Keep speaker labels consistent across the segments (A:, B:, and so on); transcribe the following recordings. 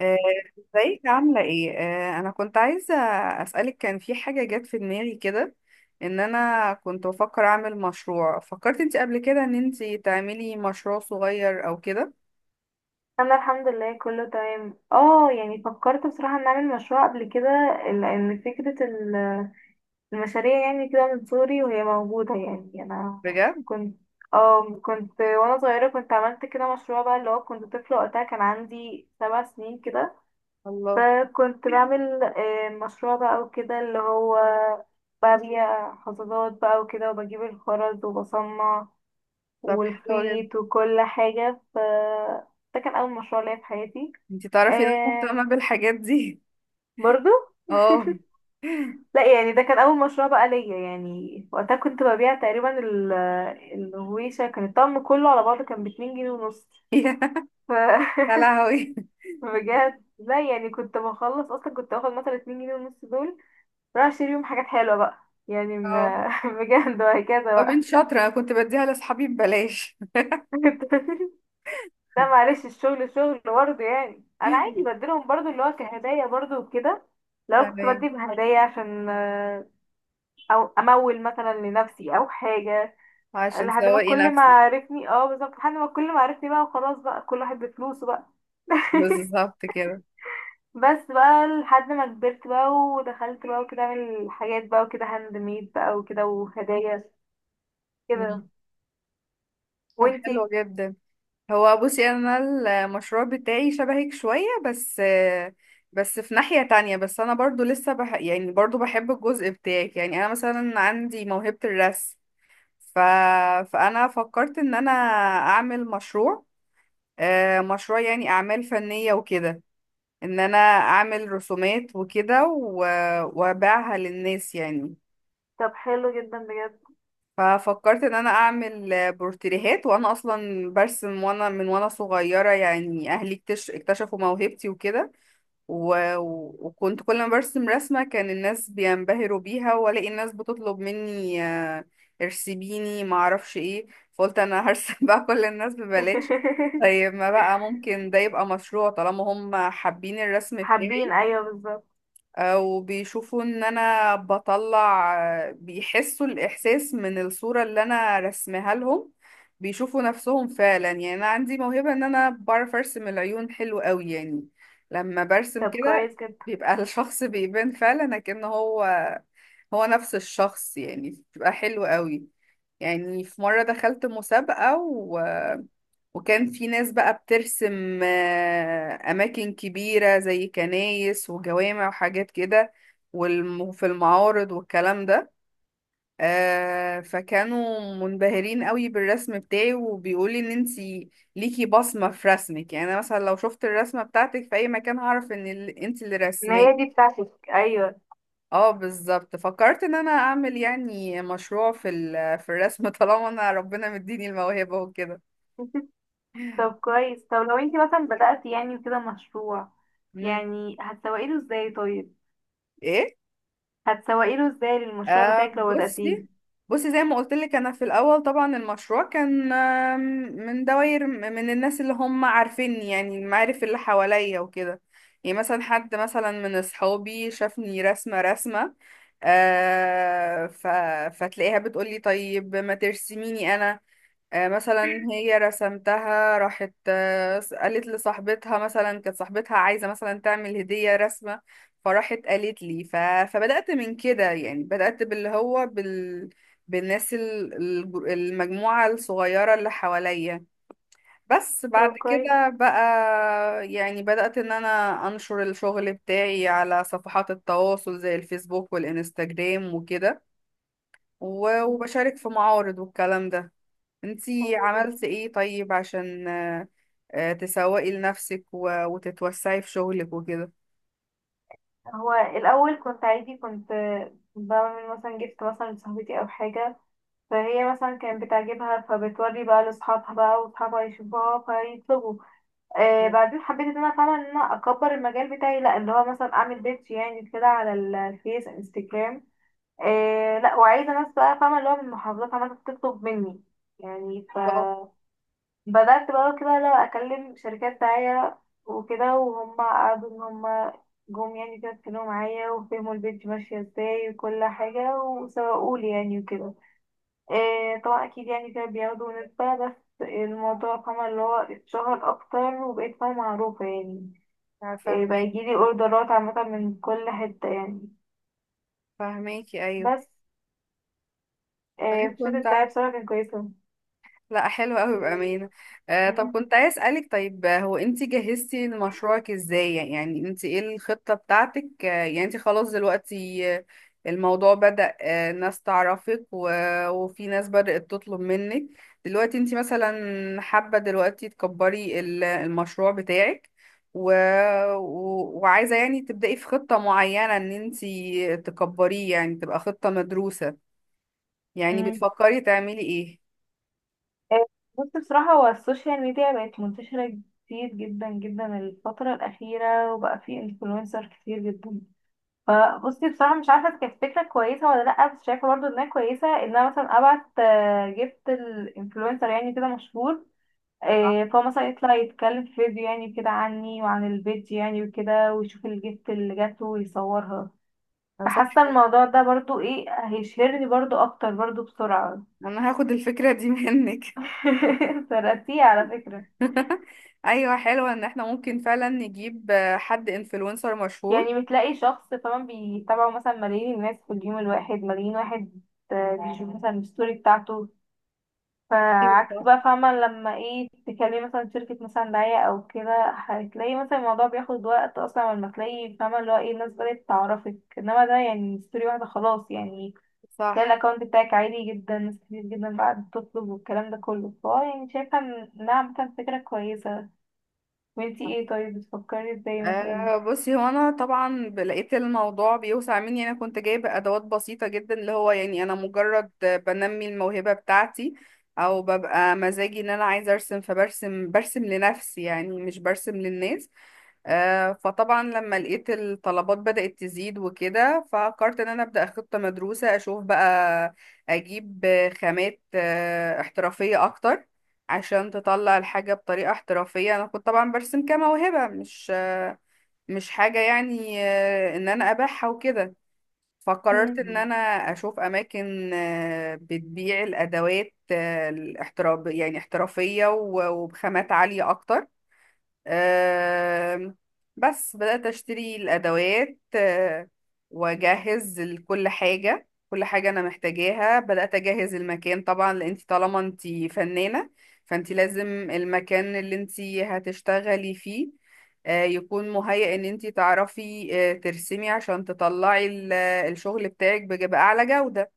A: آه، ازيك عاملة ايه؟ انا كنت عايزة اسألك، كان في حاجة جت في دماغي كده، ان انا كنت بفكر اعمل مشروع. فكرت انت قبل كده ان انت تعملي مشروع صغير او كده؟
B: انا الحمد لله كله تمام. اه يعني فكرت بصراحة ان اعمل مشروع قبل كده، لان فكرة المشاريع يعني كده من صغري وهي موجودة. يعني انا
A: بجد؟
B: كنت وانا صغيرة كنت عملت كده مشروع بقى، اللي هو كنت طفلة وقتها، كان عندي 7 سنين كده.
A: الله.
B: فكنت بعمل مشروع بقى وكده، اللي هو ببيع حصادات بقى وكده، وبجيب الخرز وبصنع
A: طب حلو جدا.
B: والخيط وكل حاجة، ف ده كان أول مشروع ليا في حياتي.
A: انت تعرفي ان انا
B: آه
A: مهتمة بالحاجات دي.
B: برضو،
A: اه.
B: لا يعني ده كان اول مشروع بقى ليا، يعني وقتها كنت ببيع تقريبا الهويشة، كان الطقم كله على بعضه كان ب 2 جنيه ونص. ف
A: يا لهوي.
B: بجد، لا يعني كنت بخلص اصلا، كنت باخد مثلا 2 جنيه ونص دول رايح اشتري بيهم حاجات حلوة بقى، يعني
A: اه.
B: ما بجد وهكذا
A: طب
B: بقى.
A: انت شاطرة، انا كنت بديها لاصحابي ببلاش.
B: لا معلش، الشغل شغل برضه، يعني انا عادي بديلهم برضه اللي هو كهدايا برضه وكده، لو كنت
A: تمام،
B: بدي بهدايا عشان او امول مثلا لنفسي او حاجة،
A: عشان
B: لحد ما
A: تسوقي
B: كل ما
A: نفسك.
B: عرفني، اه بالظبط، لحد ما كل ما عرفني بقى وخلاص بقى، كل واحد بفلوسه بقى.
A: بالظبط كده.
B: بس بقى لحد ما كبرت بقى ودخلت بقى وكده اعمل حاجات بقى وكده هاند ميد بقى وكده وهدايا كده.
A: مم. طب حلو
B: وانتي؟
A: جدا. هو بصي، انا المشروع بتاعي شبهك شوية، بس بس في ناحية تانية. بس انا برضو لسه يعني برضو بحب الجزء بتاعك، يعني انا مثلا عندي موهبة الرسم. ف... فانا فكرت ان انا اعمل مشروع، مشروع يعني اعمال فنية وكده، ان انا اعمل رسومات وكده وابيعها للناس يعني.
B: طب حلو جدا بجد.
A: ففكرت ان انا اعمل بورتريهات، وانا اصلا برسم وانا من وانا صغيره، يعني اهلي اكتشفوا موهبتي وكده. و... و- وكنت كل ما برسم رسمه كان الناس بينبهروا بيها، والاقي الناس بتطلب مني ارسميني ما اعرفش ايه. فقلت انا هرسم بقى كل الناس ببلاش. طيب ما بقى ممكن ده يبقى مشروع طالما هم حابين الرسم
B: حابين،
A: بتاعي،
B: ايوه بالظبط.
A: وبيشوفوا ان انا بطلع، بيحسوا الاحساس من الصورة اللي انا رسمها لهم. بيشوفوا نفسهم فعلا، يعني انا عندي موهبة ان انا بعرف ارسم العيون حلو قوي، يعني لما برسم
B: طب
A: كده
B: كويس جدا.
A: بيبقى الشخص بيبان فعلا كأن هو نفس الشخص، يعني بيبقى حلو قوي. يعني في مرة دخلت مسابقة، وكان في ناس بقى بترسم أماكن كبيرة زي كنايس وجوامع وحاجات كده، والم- وفي المعارض والكلام ده. فكانوا منبهرين قوي بالرسم بتاعي، وبيقولي ان انتي ليكي بصمة في رسمك، يعني انا مثلا لو شفت الرسمة بتاعتك في اي مكان هعرف ان انتي اللي
B: ما
A: رسماه.
B: هي دي بتاعتك، ايوه.
A: اه بالظبط، فكرت ان انا اعمل يعني مشروع في الرسم طالما انا ربنا مديني الموهبة وكده.
B: طب كويس، طب لو انتي مثلا بدأتي يعني كده مشروع،
A: مم.
B: يعني هتسوقي له ازاي طيب؟
A: ايه.
B: هتسوقي له ازاي للمشروع
A: آه
B: بتاعك لو بدأتيه؟
A: بصي بصي زي ما قلت لك، انا في الاول طبعا المشروع كان من دوائر، من الناس اللي هم عارفيني، يعني المعارف اللي حواليا وكده. يعني مثلا حد مثلا من اصحابي شافني رسمه رسمه، آه ف... فتلاقيها بتقولي طيب ما ترسميني انا. مثلا هي رسمتها راحت قالت لصاحبتها، مثلا كانت صاحبتها عايزة مثلا تعمل هدية رسمة، فراحت قالت لي. فبدأت من كده، يعني بدأت باللي هو بالناس المجموعة الصغيرة اللي حواليا. بس
B: طب
A: بعد
B: كويس،
A: كده بقى يعني بدأت ان انا انشر الشغل بتاعي على صفحات التواصل زي الفيسبوك والانستجرام وكده، و- وبشارك في معارض والكلام ده. انتي
B: حلو جدا.
A: عملت ايه طيب عشان تسوقي لنفسك و- وتتوسعي في شغلك وكده؟
B: هو الاول كنت عادي، كنت بعمل مثلا، جبت مثلا لصاحبتي او حاجه، فهي مثلا كانت بتعجبها، فبتوري بقى لاصحابها بقى، واصحابها يشوفوها فيطلبوا. آه بعدين حبيت ان انا اكبر المجال بتاعي، لا اللي هو مثلا اعمل بيدج يعني كده على الفيس انستجرام. لا، وعايزه ناس بقى فاهمه اللي هو من محافظات عماله تطلب مني يعني.
A: بالظبط.
B: بدأت بقى كده، لا أكلم شركات داعية وكده، وهم قعدوا إن هم جم يعني كده، اتكلموا معايا وفهموا البيج ماشية ازاي وكل حاجة، وسوقولي يعني وكده. إيه طبعا أكيد، يعني كده بياخدوا نسبة، بس الموضوع، فاهمة، اللي هو اتشهر أكتر وبقيت فاهمة معروفة يعني. إيه بقى،
A: فاهمك.
B: يجيلي أوردرات عامة من كل حتة يعني.
A: فاهماكي، ايوه.
B: بس إيه،
A: طيب
B: في شركة
A: كنت،
B: داعية بصراحة كانت كويسة.
A: لا حلو قوي بأمانة. آه، طب كنت عايز أسألك طيب، هو انت جهزتي لمشروعك ازاي؟ يعني انت ايه الخطة بتاعتك؟ يعني انت خلاص دلوقتي، الموضوع بدأ ناس تعرفك وفي ناس بدأت تطلب منك. دلوقتي انت مثلا حابة دلوقتي تكبري المشروع بتاعك، و... و... وعايزة يعني تبدأي في خطة معينة، ان انت تكبريه يعني تبقى خطة مدروسة. يعني
B: مم.
A: بتفكري تعملي ايه؟
B: آه، بص، بصراحة هو السوشيال ميديا بقت منتشرة كتير جدا جدا الفترة الأخيرة، وبقى في انفلونسر كتير جدا. فبصي بصراحة مش عارفة إذا كانت فكرة كويسة ولا لأ، بس شايفة برضه إنها كويسة، إن أنا مثلا أبعت آه، جبت الانفلونسر يعني كده مشهور،
A: صح.
B: فهو مثلا يطلع يتكلم في فيديو يعني كده عني وعن البيج يعني وكده، ويشوف الجيفت اللي جاته ويصورها.
A: صح.
B: فحاسة الموضوع ده برضه ايه، هيشهرني برضه أكتر برضه بسرعة.
A: انا هاخد الفكرة دي منك.
B: ترقتيه على فكرة.
A: ايوه، حلوة ان احنا ممكن فعلا نجيب حد انفلونسر مشهور.
B: يعني بتلاقي شخص، فاهمة، بيتابعه مثلا ملايين الناس، في اليوم الواحد ملايين واحد بيشوف مثلا الستوري بتاعته.
A: ايوه
B: فعكس
A: صح.
B: بقى، فاهمة، لما ايه تكلمي مثلا شركة مثلا دعاية أو كده، هتلاقي مثلا الموضوع بياخد وقت أصلا لما تلاقي، فاهمة، اللي هو ايه الناس بدأت تعرفك، انما ده يعني ستوري واحدة خلاص يعني. تلاقي
A: صح.
B: الأكونت بتاعك عالي جدا، ناس كتير جدا بقى بتطلب والكلام ده كله، فهو يعني شايفة إنها عامة فكرة كويسة. وانتي ايه طيب، بتفكري ازاي مثلا؟
A: بصي، هو انا طبعا لقيت الموضوع بيوسع مني. انا كنت جايبه ادوات بسيطه جدا، اللي هو يعني انا مجرد بنمي الموهبه بتاعتي، او ببقى مزاجي ان انا عايزه ارسم فبرسم، لنفسي يعني، مش برسم للناس. فطبعا لما لقيت الطلبات بدأت تزيد وكده، ففكرت ان انا ابدأ خطة مدروسة اشوف بقى اجيب خامات احترافية اكتر، عشان تطلع الحاجة بطريقة احترافية. انا كنت طبعا برسم كموهبة، مش حاجة يعني ان انا ابيعها وكده. فقررت ان
B: مم.
A: انا اشوف اماكن بتبيع الادوات الاحتراف يعني احترافية، و- وبخامات عالية اكتر. آم، بس بدأت أشتري الأدوات وأجهز كل حاجة، كل حاجة أنا محتاجاها. بدأت أجهز المكان طبعا، لأن انتي طالما انتي فنانة فانتي لازم المكان اللي انتي هتشتغلي فيه يكون مهيأ ان انتي تعرفي ترسمي، عشان تطلعي الشغل بتاعك بأعلى جودة.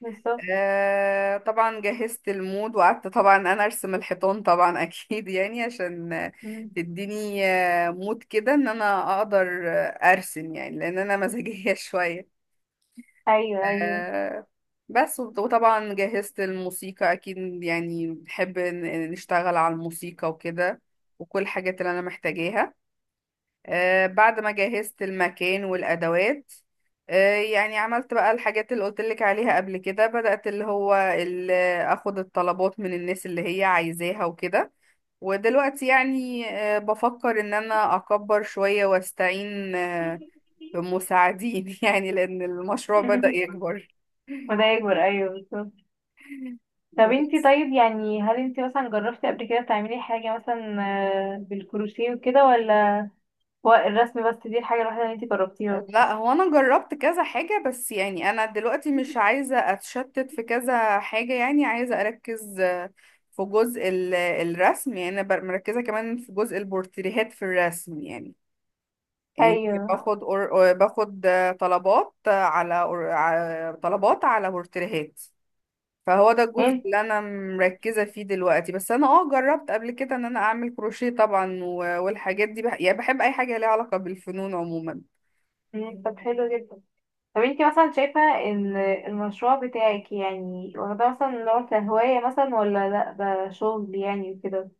B: بالظبط،
A: طبعا جهزت المود، وقعدت طبعا انا ارسم الحيطان طبعا اكيد، يعني عشان تديني مود كده ان انا اقدر ارسم، يعني لان انا مزاجية شوية.
B: ايوه ايوه.
A: آه بس وط- وطبعا جهزت الموسيقى اكيد، يعني بحب نشتغل على الموسيقى وكده، وكل الحاجات اللي انا محتاجاها. بعد ما جهزت المكان والأدوات، يعني عملت بقى الحاجات اللي قلتلك عليها قبل كده. بدأت اللي هو أخد الطلبات من الناس اللي هي عايزاها وكده. ودلوقتي يعني بفكر إن أنا أكبر شوية، وأستعين بمساعدين يعني، لأن المشروع بدأ يكبر.
B: وده يكبر، ايوه بالظبط. طب انتي
A: بس
B: طيب، يعني هل انتي مثلا جربتي قبل كده تعملي حاجة مثلا بالكروشيه وكده، ولا هو الرسم بس دي الحاجة الوحيدة اللي انتي جربتيها؟
A: لا، هو انا جربت كذا حاجة بس، يعني انا دلوقتي مش عايزة اتشتت في كذا حاجة، يعني عايزة اركز في جزء الرسم. يعني انا مركزة كمان في جزء البورتريهات في الرسم يعني. يعني
B: ايوه
A: باخد أور... باخد آه، طلبات على أور... على- طلبات على بورتريهات. فهو ده الجزء
B: انت.
A: اللي انا مركزة فيه دلوقتي. بس انا جربت قبل كده ان انا اعمل كروشيه طبعا، و- والحاجات دي يعني بحب اي حاجة ليها علاقة بالفنون عموما.
B: مم، طب حلو جدا. طب انتي مثلا شايفة ان المشروع بتاعك يعني واخداه مثلا نوع كهواية مثلا، ولا لا ده شغل يعني وكده؟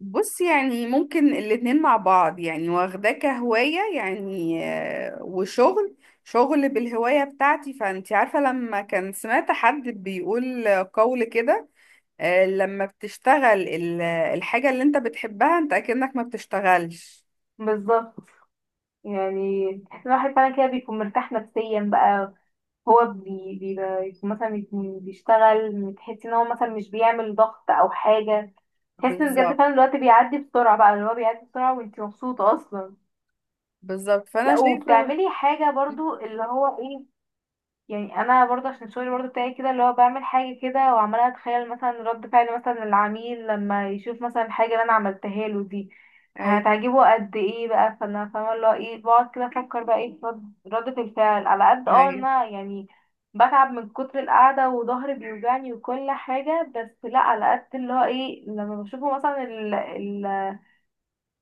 A: بص يعني ممكن الاتنين مع بعض، يعني واخداه كهواية يعني وشغل، شغل بالهواية بتاعتي. فانت عارفة لما كان سمعت حد بيقول قول كده، لما بتشتغل الحاجة اللي انت بتحبها انت اكنك ما بتشتغلش.
B: بالظبط، يعني الواحد فعلا كده بيكون مرتاح نفسيا بقى، هو بيبقى مثلا يكون بيشتغل، تحس ان هو مثلا مش بيعمل ضغط او حاجة. تحس ان بجد
A: بالظبط،
B: فعلا الوقت بيعدي بسرعة بقى، اللي هو بيعدي بسرعة وانتي مبسوطة اصلا.
A: بالظبط. فانا
B: لا
A: شايفة.
B: وبتعملي حاجة برضو اللي هو ايه، يعني انا برضه عشان الشغل برضه بتاعي كده، اللي هو بعمل حاجه كده وعماله اتخيل مثلا رد فعل مثلا العميل لما يشوف مثلا الحاجه اللي انا عملتها له دي
A: ايوه،
B: هتعجبه قد ايه بقى. فانا فاهمه اللي هو ايه، بقعد كده افكر بقى ايه في ردة الفعل، على قد ان
A: ايوه،
B: انا يعني بتعب من كتر القعده وظهري بيوجعني وكل حاجه، بس لا على قد اللي هو ايه لما بشوفه مثلا،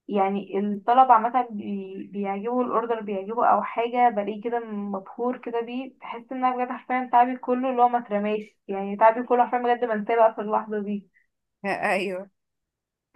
B: يعني الطلبة عامة بيعجبوا، الأوردر بيعجبوا أو حاجة، بلاقيه كده مبهور كده بيه، بحس إن أنا بجد حرفيا تعبي كله اللي هو ما اترماش. يعني تعبي كله حرفيا بجد بنساه بقى في اللحظة دي.
A: ايوه.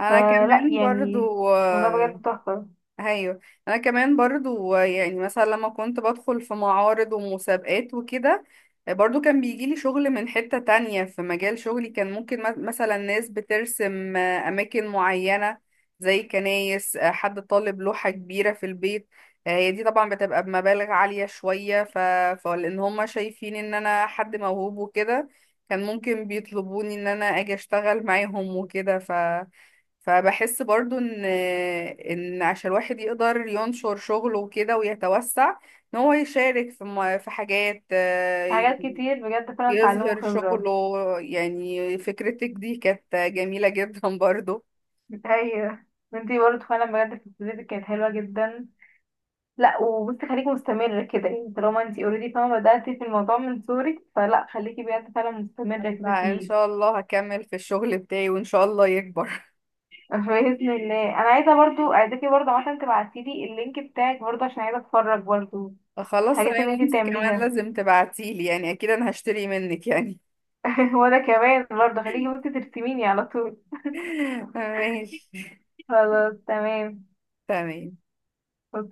A: انا
B: فلا
A: كمان
B: يعني
A: برضو
B: الموضوع بجد تحفة.
A: ايوه، انا كمان برضو، يعني مثلا لما كنت بدخل في معارض ومسابقات وكده برضو كان بيجيلي شغل من حتة تانية في مجال شغلي. كان ممكن مثلا ناس بترسم اماكن معينة زي كنايس، حد طالب لوحة كبيرة في البيت. هي دي طبعا بتبقى بمبالغ عالية شوية. فلان هم شايفين ان انا حد موهوب وكده كان ممكن بيطلبوني ان انا اجي اشتغل معاهم وكده. فبحس برضو ان عشان الواحد يقدر ينشر شغله وكده ويتوسع، ان هو يشارك في حاجات،
B: حاجات كتير بجد فعلا اتعلموا
A: يظهر
B: خبرة.
A: شغله. يعني فكرتك دي كانت جميلة جدا برضو.
B: أيوة. وانتي برضه فعلا بجد في ابتدائي كانت حلوة جدا. لا وبصي، خليكي مستمرة كده يعني، طالما انتي اوريدي فاهمة بدأتي في الموضوع من صغرك، فلا خليكي بجد فعلا مستمرة كده
A: لا ان
B: فيه.
A: شاء الله هكمل في الشغل بتاعي وان شاء الله يكبر.
B: بإذن الله. أنا عايزة برضو، عايزاكي برضو عشان تبعتيلي اللينك بتاعك برضو عشان عايزة أتفرج برضو،
A: خلاص
B: الحاجات
A: تمام.
B: اللي انتي
A: وانتي
B: بتعملي
A: كمان
B: بتعمليها
A: لازم تبعتيلي، يعني اكيد انا هشتري منك يعني.
B: وأنا كمان برضو خليكي، وانتي ترسميني على طول.
A: ماشي.
B: خلاص تمام.
A: تمام.
B: أوكي.